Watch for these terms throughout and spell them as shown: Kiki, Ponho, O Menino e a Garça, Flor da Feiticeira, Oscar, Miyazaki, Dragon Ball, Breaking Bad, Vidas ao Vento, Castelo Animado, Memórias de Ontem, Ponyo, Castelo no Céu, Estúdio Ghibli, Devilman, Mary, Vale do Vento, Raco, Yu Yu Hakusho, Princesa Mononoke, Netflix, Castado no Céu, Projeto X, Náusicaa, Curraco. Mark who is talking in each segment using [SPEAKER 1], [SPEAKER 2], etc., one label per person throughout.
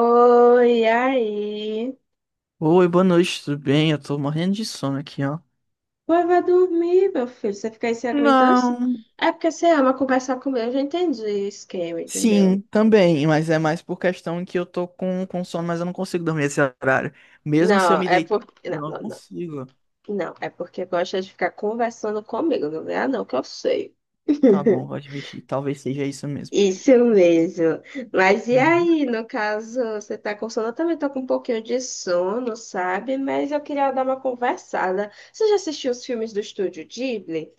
[SPEAKER 1] Oi, aí.
[SPEAKER 2] Oi, boa noite, tudo bem? Eu tô morrendo de sono aqui, ó.
[SPEAKER 1] Pois vai dormir, meu filho. Você fica aí se aguentando.
[SPEAKER 2] Não,
[SPEAKER 1] É porque você ama conversar comigo. Eu já entendi o esquema, entendeu?
[SPEAKER 2] sim, também, mas é mais por questão que eu tô com sono, mas eu não consigo dormir esse horário. Mesmo se eu
[SPEAKER 1] Não,
[SPEAKER 2] me
[SPEAKER 1] é
[SPEAKER 2] deitar,
[SPEAKER 1] porque.
[SPEAKER 2] eu
[SPEAKER 1] Não,
[SPEAKER 2] não
[SPEAKER 1] não, não.
[SPEAKER 2] consigo.
[SPEAKER 1] Não, é porque gosta de ficar conversando comigo, não é? Ah, não, que eu sei.
[SPEAKER 2] Tá bom, vou admitir, talvez seja isso mesmo.
[SPEAKER 1] Isso mesmo. Mas e
[SPEAKER 2] Uhum.
[SPEAKER 1] aí, no caso, você tá com sono? Eu também tô com um pouquinho de sono, sabe? Mas eu queria dar uma conversada. Você já assistiu os filmes do Estúdio Ghibli?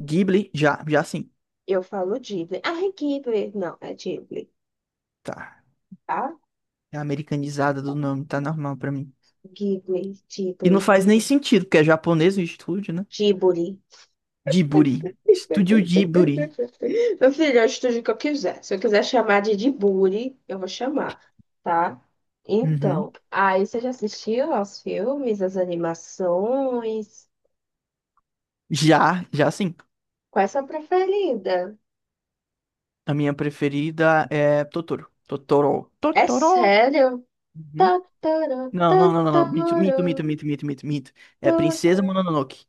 [SPEAKER 2] Ghibli, já, já sim,
[SPEAKER 1] Eu falo Ghibli. Ah, é Ghibli. Não, é Ghibli.
[SPEAKER 2] tá.
[SPEAKER 1] Tá?
[SPEAKER 2] É americanizada do nome, tá normal pra mim.
[SPEAKER 1] Ghibli,
[SPEAKER 2] E
[SPEAKER 1] Ghibli,
[SPEAKER 2] não faz nem sentido, porque é japonês o estúdio, né?
[SPEAKER 1] Ghibli.
[SPEAKER 2] Djiburi, Estúdio Djiburi.
[SPEAKER 1] Meu filho, eu estudo o que eu quiser. Se eu quiser chamar de Djiburi, eu vou chamar, tá?
[SPEAKER 2] Uhum.
[SPEAKER 1] Então, aí você já assistiu aos filmes, às animações?
[SPEAKER 2] Já, já sim.
[SPEAKER 1] Qual é a sua preferida?
[SPEAKER 2] A minha preferida é Totoro. Totoro.
[SPEAKER 1] É
[SPEAKER 2] Totoro.
[SPEAKER 1] sério?
[SPEAKER 2] Uhum.
[SPEAKER 1] Tá, tá, tá,
[SPEAKER 2] Não, não,
[SPEAKER 1] tá,
[SPEAKER 2] não, não,
[SPEAKER 1] tá,
[SPEAKER 2] não. Mito, mito, mito, mito, mito, mito, mito. É
[SPEAKER 1] tá.
[SPEAKER 2] Princesa Mononoke.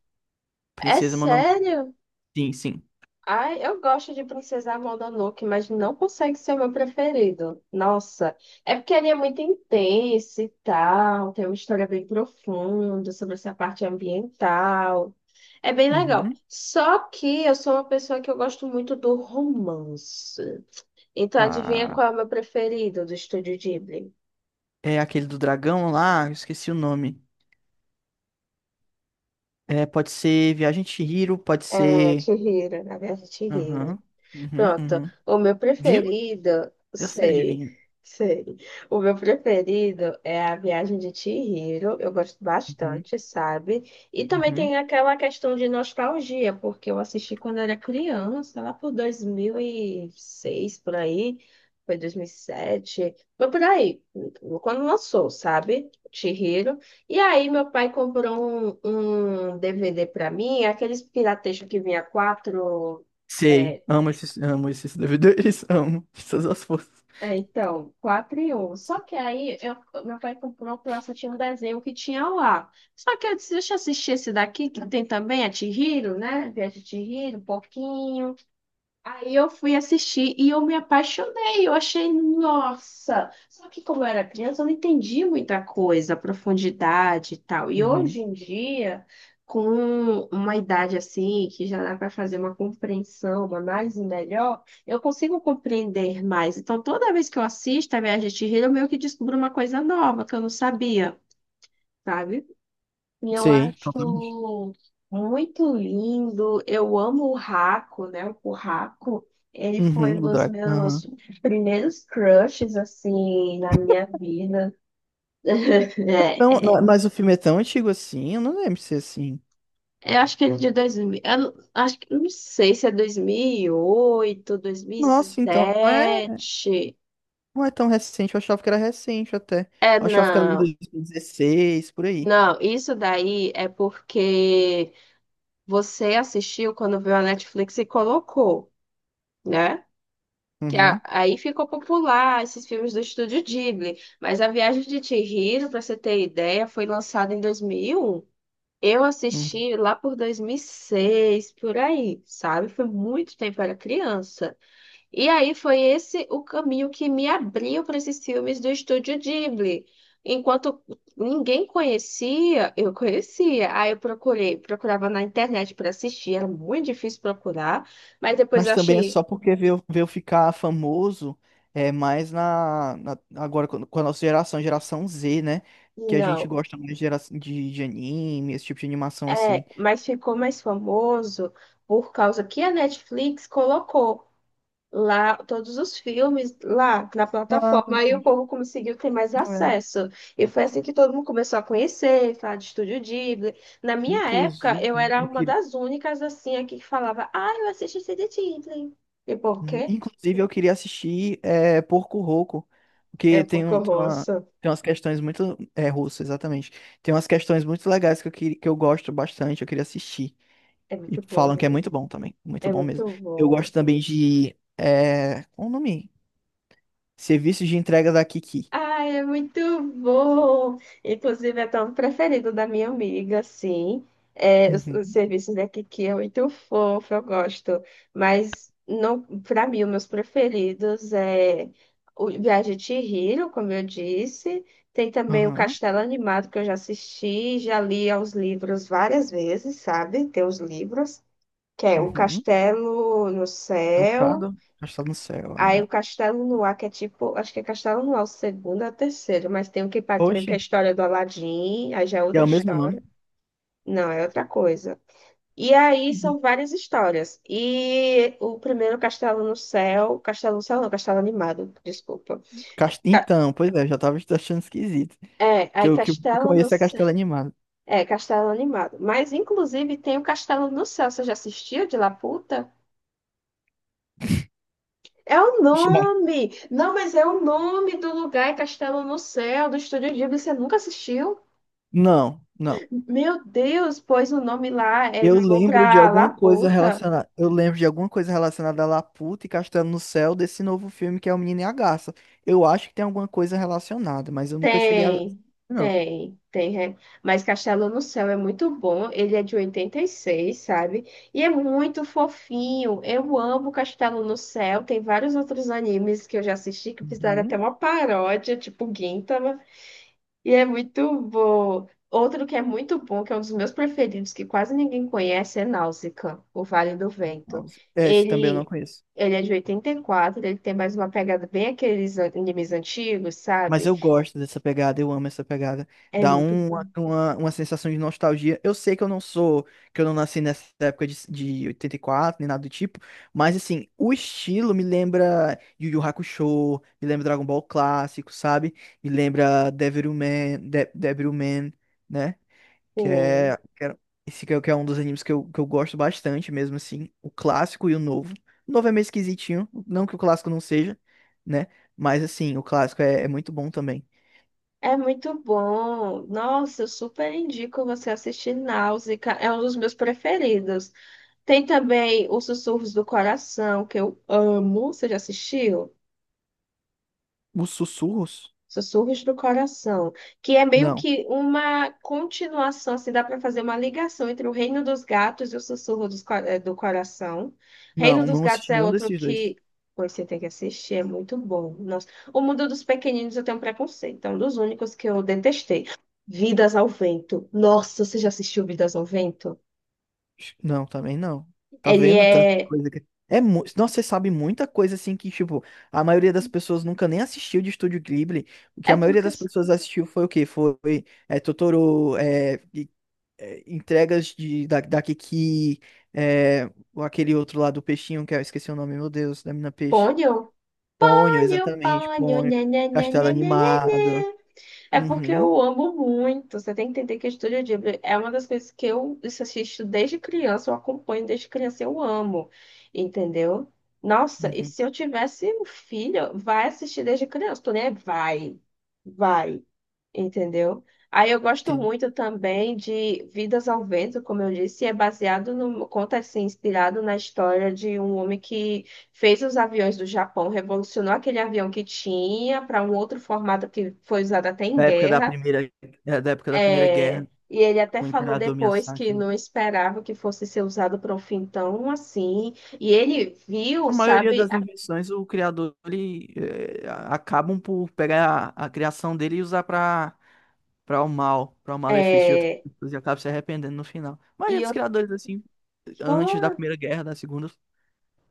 [SPEAKER 1] É
[SPEAKER 2] Princesa Mononoke.
[SPEAKER 1] sério?
[SPEAKER 2] Sim, sim.
[SPEAKER 1] Ai, eu gosto de Princesa Mononoke, mas não consegue ser o meu preferido. Nossa, é porque ele é muito intenso e tal, tem uma história bem profunda sobre essa parte ambiental. É bem legal.
[SPEAKER 2] Uhum.
[SPEAKER 1] Só que eu sou uma pessoa que eu gosto muito do romance. Então, adivinha
[SPEAKER 2] Ah,
[SPEAKER 1] qual é o meu preferido do Estúdio Ghibli?
[SPEAKER 2] é aquele do dragão lá, eu esqueci o nome. É, pode ser Viagem de Chihiro, pode
[SPEAKER 1] É
[SPEAKER 2] ser.
[SPEAKER 1] Chihiro, na verdade, Chihiro.
[SPEAKER 2] Aham. Uhum,
[SPEAKER 1] Pronto.
[SPEAKER 2] uhum.
[SPEAKER 1] O meu
[SPEAKER 2] Viu?
[SPEAKER 1] preferido,
[SPEAKER 2] Eu sei,
[SPEAKER 1] sei,
[SPEAKER 2] adivinha.
[SPEAKER 1] sei. O meu preferido é a viagem de Chihiro. Eu gosto
[SPEAKER 2] Uhum,
[SPEAKER 1] bastante, sabe? E também
[SPEAKER 2] uhum.
[SPEAKER 1] tem aquela questão de nostalgia, porque eu assisti quando era criança, lá por 2006, por aí. Foi 2007, foi por aí, quando lançou, sabe? Chihiro. E aí, meu pai comprou um DVD pra mim, aqueles piratejos que vinha 4.
[SPEAKER 2] Sei.
[SPEAKER 1] É,
[SPEAKER 2] Amo esses DVDs. Amo essas as forças.
[SPEAKER 1] É, então, 4 e 1. Só que aí eu, meu pai comprou pra eu assistir um desenho que tinha lá. Só que eu disse, deixa eu assistir esse daqui, que tem também a Chihiro, né? Viagem de Chihiro, Porquinho. Aí eu fui assistir e eu me apaixonei. Eu achei, nossa! Só que como eu era criança, eu não entendi muita coisa, a profundidade e tal. E
[SPEAKER 2] Uhum.
[SPEAKER 1] hoje em dia, com uma idade assim, que já dá para fazer uma compreensão, uma análise melhor, eu consigo compreender mais. Então, toda vez que eu assisto a Viagem de Chihiro, eu meio que descubro uma coisa nova que eu não sabia, sabe? E eu
[SPEAKER 2] Sei. Totalmente.
[SPEAKER 1] acho muito lindo. Eu amo o Raco, né? O Curraco. Ele foi um
[SPEAKER 2] Uhum, o
[SPEAKER 1] dos
[SPEAKER 2] dragão.
[SPEAKER 1] meus primeiros crushes, assim, na minha vida.
[SPEAKER 2] Então, mas o filme é tão antigo assim, eu não lembro de ser assim.
[SPEAKER 1] É, eu acho que ele é de dois mil. Eu não- acho que não sei se é 2008,
[SPEAKER 2] Nossa, então não é,
[SPEAKER 1] sete.
[SPEAKER 2] não é tão recente, eu achava que era recente até.
[SPEAKER 1] É,
[SPEAKER 2] Eu achava que era de
[SPEAKER 1] não.
[SPEAKER 2] 2016, por aí.
[SPEAKER 1] Não, isso daí é porque você assistiu quando viu a Netflix e colocou, né? Que a-
[SPEAKER 2] Uhum,
[SPEAKER 1] aí ficou popular esses filmes do estúdio Ghibli. Mas A Viagem de Chihiro, para você ter ideia, foi lançada em 2001. Eu
[SPEAKER 2] uhum.
[SPEAKER 1] assisti lá por 2006, por aí, sabe? Foi muito tempo, eu era criança. E aí foi esse o caminho que me abriu para esses filmes do estúdio Ghibli. Enquanto ninguém conhecia, eu conhecia. Aí eu procurei, procurava na internet para assistir, era muito difícil procurar, mas depois
[SPEAKER 2] Mas
[SPEAKER 1] eu
[SPEAKER 2] também é
[SPEAKER 1] achei.
[SPEAKER 2] só porque veio, veio ficar famoso é mais agora com a nossa geração, geração Z, né? Que a gente
[SPEAKER 1] Não.
[SPEAKER 2] gosta mais de, gera- de anime, esse tipo de animação assim.
[SPEAKER 1] É, mas ficou mais famoso por causa que a Netflix colocou lá todos os filmes lá na
[SPEAKER 2] Ah,
[SPEAKER 1] plataforma, aí o
[SPEAKER 2] verdade.
[SPEAKER 1] povo conseguiu ter mais
[SPEAKER 2] É.
[SPEAKER 1] acesso. E foi assim que todo mundo começou a conhecer, falar de Estúdio Ghibli. Na minha época,
[SPEAKER 2] Inclusive,
[SPEAKER 1] eu era
[SPEAKER 2] eu
[SPEAKER 1] uma
[SPEAKER 2] queria.
[SPEAKER 1] das únicas assim aqui que falava: "Ah, eu assisti Estúdio Ghibli". E por
[SPEAKER 2] Uhum.
[SPEAKER 1] quê?
[SPEAKER 2] Inclusive, eu queria assistir Porco Roco,
[SPEAKER 1] É
[SPEAKER 2] porque
[SPEAKER 1] porque eu roço.
[SPEAKER 2] tem umas questões muito. É russo, exatamente. Tem umas questões muito legais que que eu gosto bastante, eu queria assistir.
[SPEAKER 1] É muito
[SPEAKER 2] E
[SPEAKER 1] bom
[SPEAKER 2] falam que é muito
[SPEAKER 1] ele.
[SPEAKER 2] bom também, muito
[SPEAKER 1] É
[SPEAKER 2] bom mesmo.
[SPEAKER 1] muito
[SPEAKER 2] Eu
[SPEAKER 1] bom.
[SPEAKER 2] gosto também de. É, qual o nome? Serviço de entrega da Kiki.
[SPEAKER 1] Ai, é muito bom. Inclusive, é tão preferido da minha amiga, sim. É, os
[SPEAKER 2] Uhum.
[SPEAKER 1] serviços da Kiki é muito fofo, eu gosto. Mas não, para mim, os meus preferidos é o Viagem de Chihiro, como eu disse. Tem também o
[SPEAKER 2] Aham.
[SPEAKER 1] Castelo Animado, que eu já assisti, já li aos livros várias vezes, sabe? Tem os livros, que é O
[SPEAKER 2] Uhum.
[SPEAKER 1] Castelo no Céu.
[SPEAKER 2] Cantado, Castado no Céu.
[SPEAKER 1] Aí o
[SPEAKER 2] Ah.
[SPEAKER 1] Castelo Noir, que é tipo, acho que é Castelo Noir, o segundo ou o terceiro, mas tem um que parece meio que a
[SPEAKER 2] Oxe,
[SPEAKER 1] história do Aladdin, aí já é
[SPEAKER 2] é
[SPEAKER 1] outra
[SPEAKER 2] o mesmo nome.
[SPEAKER 1] história. Não, é outra coisa. E aí
[SPEAKER 2] Uhum.
[SPEAKER 1] são várias histórias. E o primeiro Castelo no Céu não, Castelo Animado, desculpa. Ca-
[SPEAKER 2] Então, pois é, eu já tava achando esquisito.
[SPEAKER 1] É,
[SPEAKER 2] Que
[SPEAKER 1] aí
[SPEAKER 2] eu
[SPEAKER 1] Castelo no
[SPEAKER 2] conheço é
[SPEAKER 1] Céu,
[SPEAKER 2] Castelo Animado.
[SPEAKER 1] é Castelo Animado. Mas inclusive tem o Castelo no Céu, você já assistiu de Laputa? É o nome! Não, mas é o nome do lugar, é Castelo no Céu, do Estúdio Ghibli, você nunca assistiu?
[SPEAKER 2] Não, não.
[SPEAKER 1] Meu Deus, pois o nome lá, é,
[SPEAKER 2] Eu
[SPEAKER 1] eles vão
[SPEAKER 2] lembro de
[SPEAKER 1] pra
[SPEAKER 2] alguma coisa
[SPEAKER 1] Laputa.
[SPEAKER 2] relacionada. Eu lembro de alguma coisa relacionada a Laputa e Castelo no Céu desse novo filme que é O Menino e a Garça. Eu acho que tem alguma coisa relacionada, mas eu nunca cheguei a.
[SPEAKER 1] Tem,
[SPEAKER 2] Não.
[SPEAKER 1] tem, tem. É. Mas Castelo no Céu é muito bom. Ele é de 86, sabe? E é muito fofinho. Eu amo Castelo no Céu. Tem vários outros animes que eu já assisti que fizeram até
[SPEAKER 2] Uhum.
[SPEAKER 1] uma paródia, tipo Gintama. E é muito bom. Outro que é muito bom, que é um dos meus preferidos, que quase ninguém conhece, é Náusicaa, o Vale do Vento.
[SPEAKER 2] Não, é, esse também eu não
[SPEAKER 1] Ele,
[SPEAKER 2] conheço.
[SPEAKER 1] ele é de 84. Ele tem mais uma pegada bem aqueles animes antigos,
[SPEAKER 2] Mas
[SPEAKER 1] sabe?
[SPEAKER 2] eu gosto dessa pegada, eu amo essa pegada.
[SPEAKER 1] É
[SPEAKER 2] Dá
[SPEAKER 1] muito bom.
[SPEAKER 2] uma sensação de nostalgia. Eu sei que eu não sou, que eu não nasci nessa época de 84 nem nada do tipo, mas assim, o estilo me lembra Yu Yu Hakusho, me lembra Dragon Ball clássico, sabe? Me lembra Devilman, De Devilman, né? Que
[SPEAKER 1] Sim.
[SPEAKER 2] é. Que era- Esse que é um dos animes que eu gosto bastante mesmo, assim. O clássico e o novo. O novo é meio esquisitinho. Não que o clássico não seja, né? Mas, assim, o clássico é muito bom também.
[SPEAKER 1] É muito bom. Nossa, eu super indico você assistir Náusicaa. É um dos meus preferidos. Tem também Os Sussurros do Coração, que eu amo. Você já assistiu?
[SPEAKER 2] Os Sussurros?
[SPEAKER 1] Sussurros do Coração, que é meio
[SPEAKER 2] Não.
[SPEAKER 1] que uma continuação, assim, dá para fazer uma ligação entre o Reino dos Gatos e o Sussurro dos do Coração. Reino
[SPEAKER 2] Não,
[SPEAKER 1] dos
[SPEAKER 2] não
[SPEAKER 1] Gatos
[SPEAKER 2] assisti
[SPEAKER 1] é
[SPEAKER 2] nenhum
[SPEAKER 1] outro
[SPEAKER 2] desses dois.
[SPEAKER 1] que pois você tem que assistir, é muito bom. Nossa. O Mundo dos Pequeninos eu tenho um preconceito, é um dos únicos que eu detestei. Vidas ao Vento. Nossa, você já assistiu Vidas ao Vento?
[SPEAKER 2] Não, também não. Tá
[SPEAKER 1] Ele
[SPEAKER 2] vendo tanta
[SPEAKER 1] é.
[SPEAKER 2] coisa que. Nossa, você sabe muita coisa, assim, que, tipo, a maioria das pessoas nunca nem assistiu de Estúdio Ghibli. O que
[SPEAKER 1] É
[SPEAKER 2] a maioria
[SPEAKER 1] porque.
[SPEAKER 2] das pessoas assistiu foi o quê? Foi é, Totoro, é. É, entregas da Kiki, é, ou aquele outro lá do peixinho, que eu esqueci o nome, meu Deus, da mina peixe.
[SPEAKER 1] Ponyo?
[SPEAKER 2] Ponho,
[SPEAKER 1] Ponyo,
[SPEAKER 2] exatamente,
[SPEAKER 1] ponyo,
[SPEAKER 2] Ponho.
[SPEAKER 1] né, né, né,
[SPEAKER 2] Castelo
[SPEAKER 1] né, né, né.
[SPEAKER 2] Animado.
[SPEAKER 1] É porque
[SPEAKER 2] Uhum,
[SPEAKER 1] eu amo muito. Você tem que entender que Estúdio Ghibli é uma das coisas que eu assisto desde criança, eu acompanho desde criança, eu amo, entendeu? Nossa, e
[SPEAKER 2] uhum,
[SPEAKER 1] se eu tivesse um filho, vai assistir desde criança. Tu nem vai, vai entendeu? Aí eu gosto
[SPEAKER 2] entendo.
[SPEAKER 1] muito também de Vidas ao Vento, como eu disse, é baseado no, conta assim, inspirado na história de um homem que fez os aviões do Japão, revolucionou aquele avião que tinha para um outro formato que foi usado até em
[SPEAKER 2] Da época da
[SPEAKER 1] guerra.
[SPEAKER 2] primeira, é, da época da Primeira
[SPEAKER 1] É,
[SPEAKER 2] Guerra,
[SPEAKER 1] e ele até
[SPEAKER 2] com o
[SPEAKER 1] falou
[SPEAKER 2] Imperador
[SPEAKER 1] depois
[SPEAKER 2] Miyazaki.
[SPEAKER 1] que
[SPEAKER 2] Né?
[SPEAKER 1] não esperava que fosse ser usado para um fim tão assim. E ele viu,
[SPEAKER 2] A maioria
[SPEAKER 1] sabe,
[SPEAKER 2] das invenções, o criador, ele, é, acabam por pegar a criação dele e usar para para o mal, para o malefício de outras
[SPEAKER 1] é,
[SPEAKER 2] pessoas e acaba se arrependendo no final. A
[SPEAKER 1] e
[SPEAKER 2] maioria dos
[SPEAKER 1] eu,
[SPEAKER 2] criadores, assim, antes da
[SPEAKER 1] pô,
[SPEAKER 2] Primeira Guerra, da Segunda.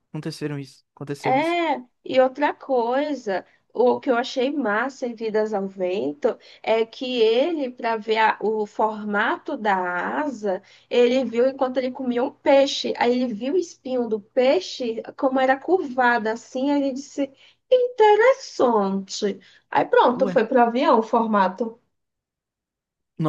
[SPEAKER 2] Aconteceram isso. Aconteceu isso.
[SPEAKER 1] é, e outra coisa, o que eu achei massa em Vidas ao Vento é que ele, para ver o formato da asa, ele viu enquanto ele comia um peixe. Aí ele viu o espinho do peixe, como era curvado assim, aí ele disse, interessante. Aí pronto,
[SPEAKER 2] Ué.
[SPEAKER 1] foi pro avião o formato.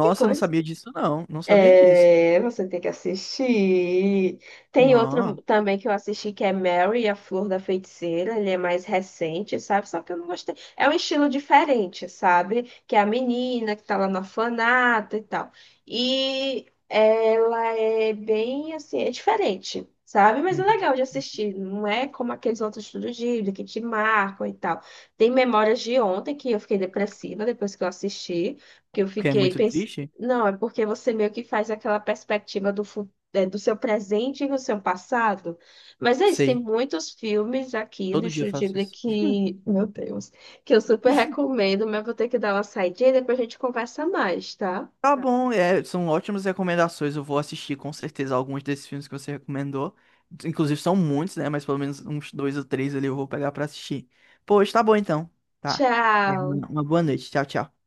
[SPEAKER 1] Que
[SPEAKER 2] não
[SPEAKER 1] coisa.
[SPEAKER 2] sabia disso, não. Não sabia disso.
[SPEAKER 1] É, você tem que assistir. Tem outro
[SPEAKER 2] Não.
[SPEAKER 1] também que eu assisti que é Mary, a Flor da Feiticeira. Ele é mais recente, sabe? Só que eu não gostei. É um estilo diferente, sabe? Que é a menina que tá lá no orfanato e tal. E ela é bem assim, é diferente, sabe? Mas é
[SPEAKER 2] Uhum.
[SPEAKER 1] legal de assistir. Não é como aqueles outros estúdios Ghibli que te marcam e tal. Tem Memórias de Ontem que eu fiquei depressiva depois que eu assisti, porque eu
[SPEAKER 2] Que é
[SPEAKER 1] fiquei
[SPEAKER 2] muito
[SPEAKER 1] pensando.
[SPEAKER 2] triste?
[SPEAKER 1] Não, é porque você meio que faz aquela perspectiva do, do seu presente e do seu passado. Mas é isso, tem
[SPEAKER 2] Sei.
[SPEAKER 1] muitos filmes aqui do
[SPEAKER 2] Todo dia eu
[SPEAKER 1] Estúdio
[SPEAKER 2] faço
[SPEAKER 1] Ghibli
[SPEAKER 2] isso.
[SPEAKER 1] que, meu Deus, que eu super recomendo, mas vou ter que dar uma saidinha e depois a gente conversa mais, tá?
[SPEAKER 2] Tá bom, é, são ótimas recomendações. Eu vou assistir com certeza alguns desses filmes que você recomendou. Inclusive são muitos, né? Mas pelo menos uns 2 ou 3 ali eu vou pegar pra assistir. Pois tá bom então. Tá. É,
[SPEAKER 1] Tchau!
[SPEAKER 2] uma boa noite. Tchau, tchau.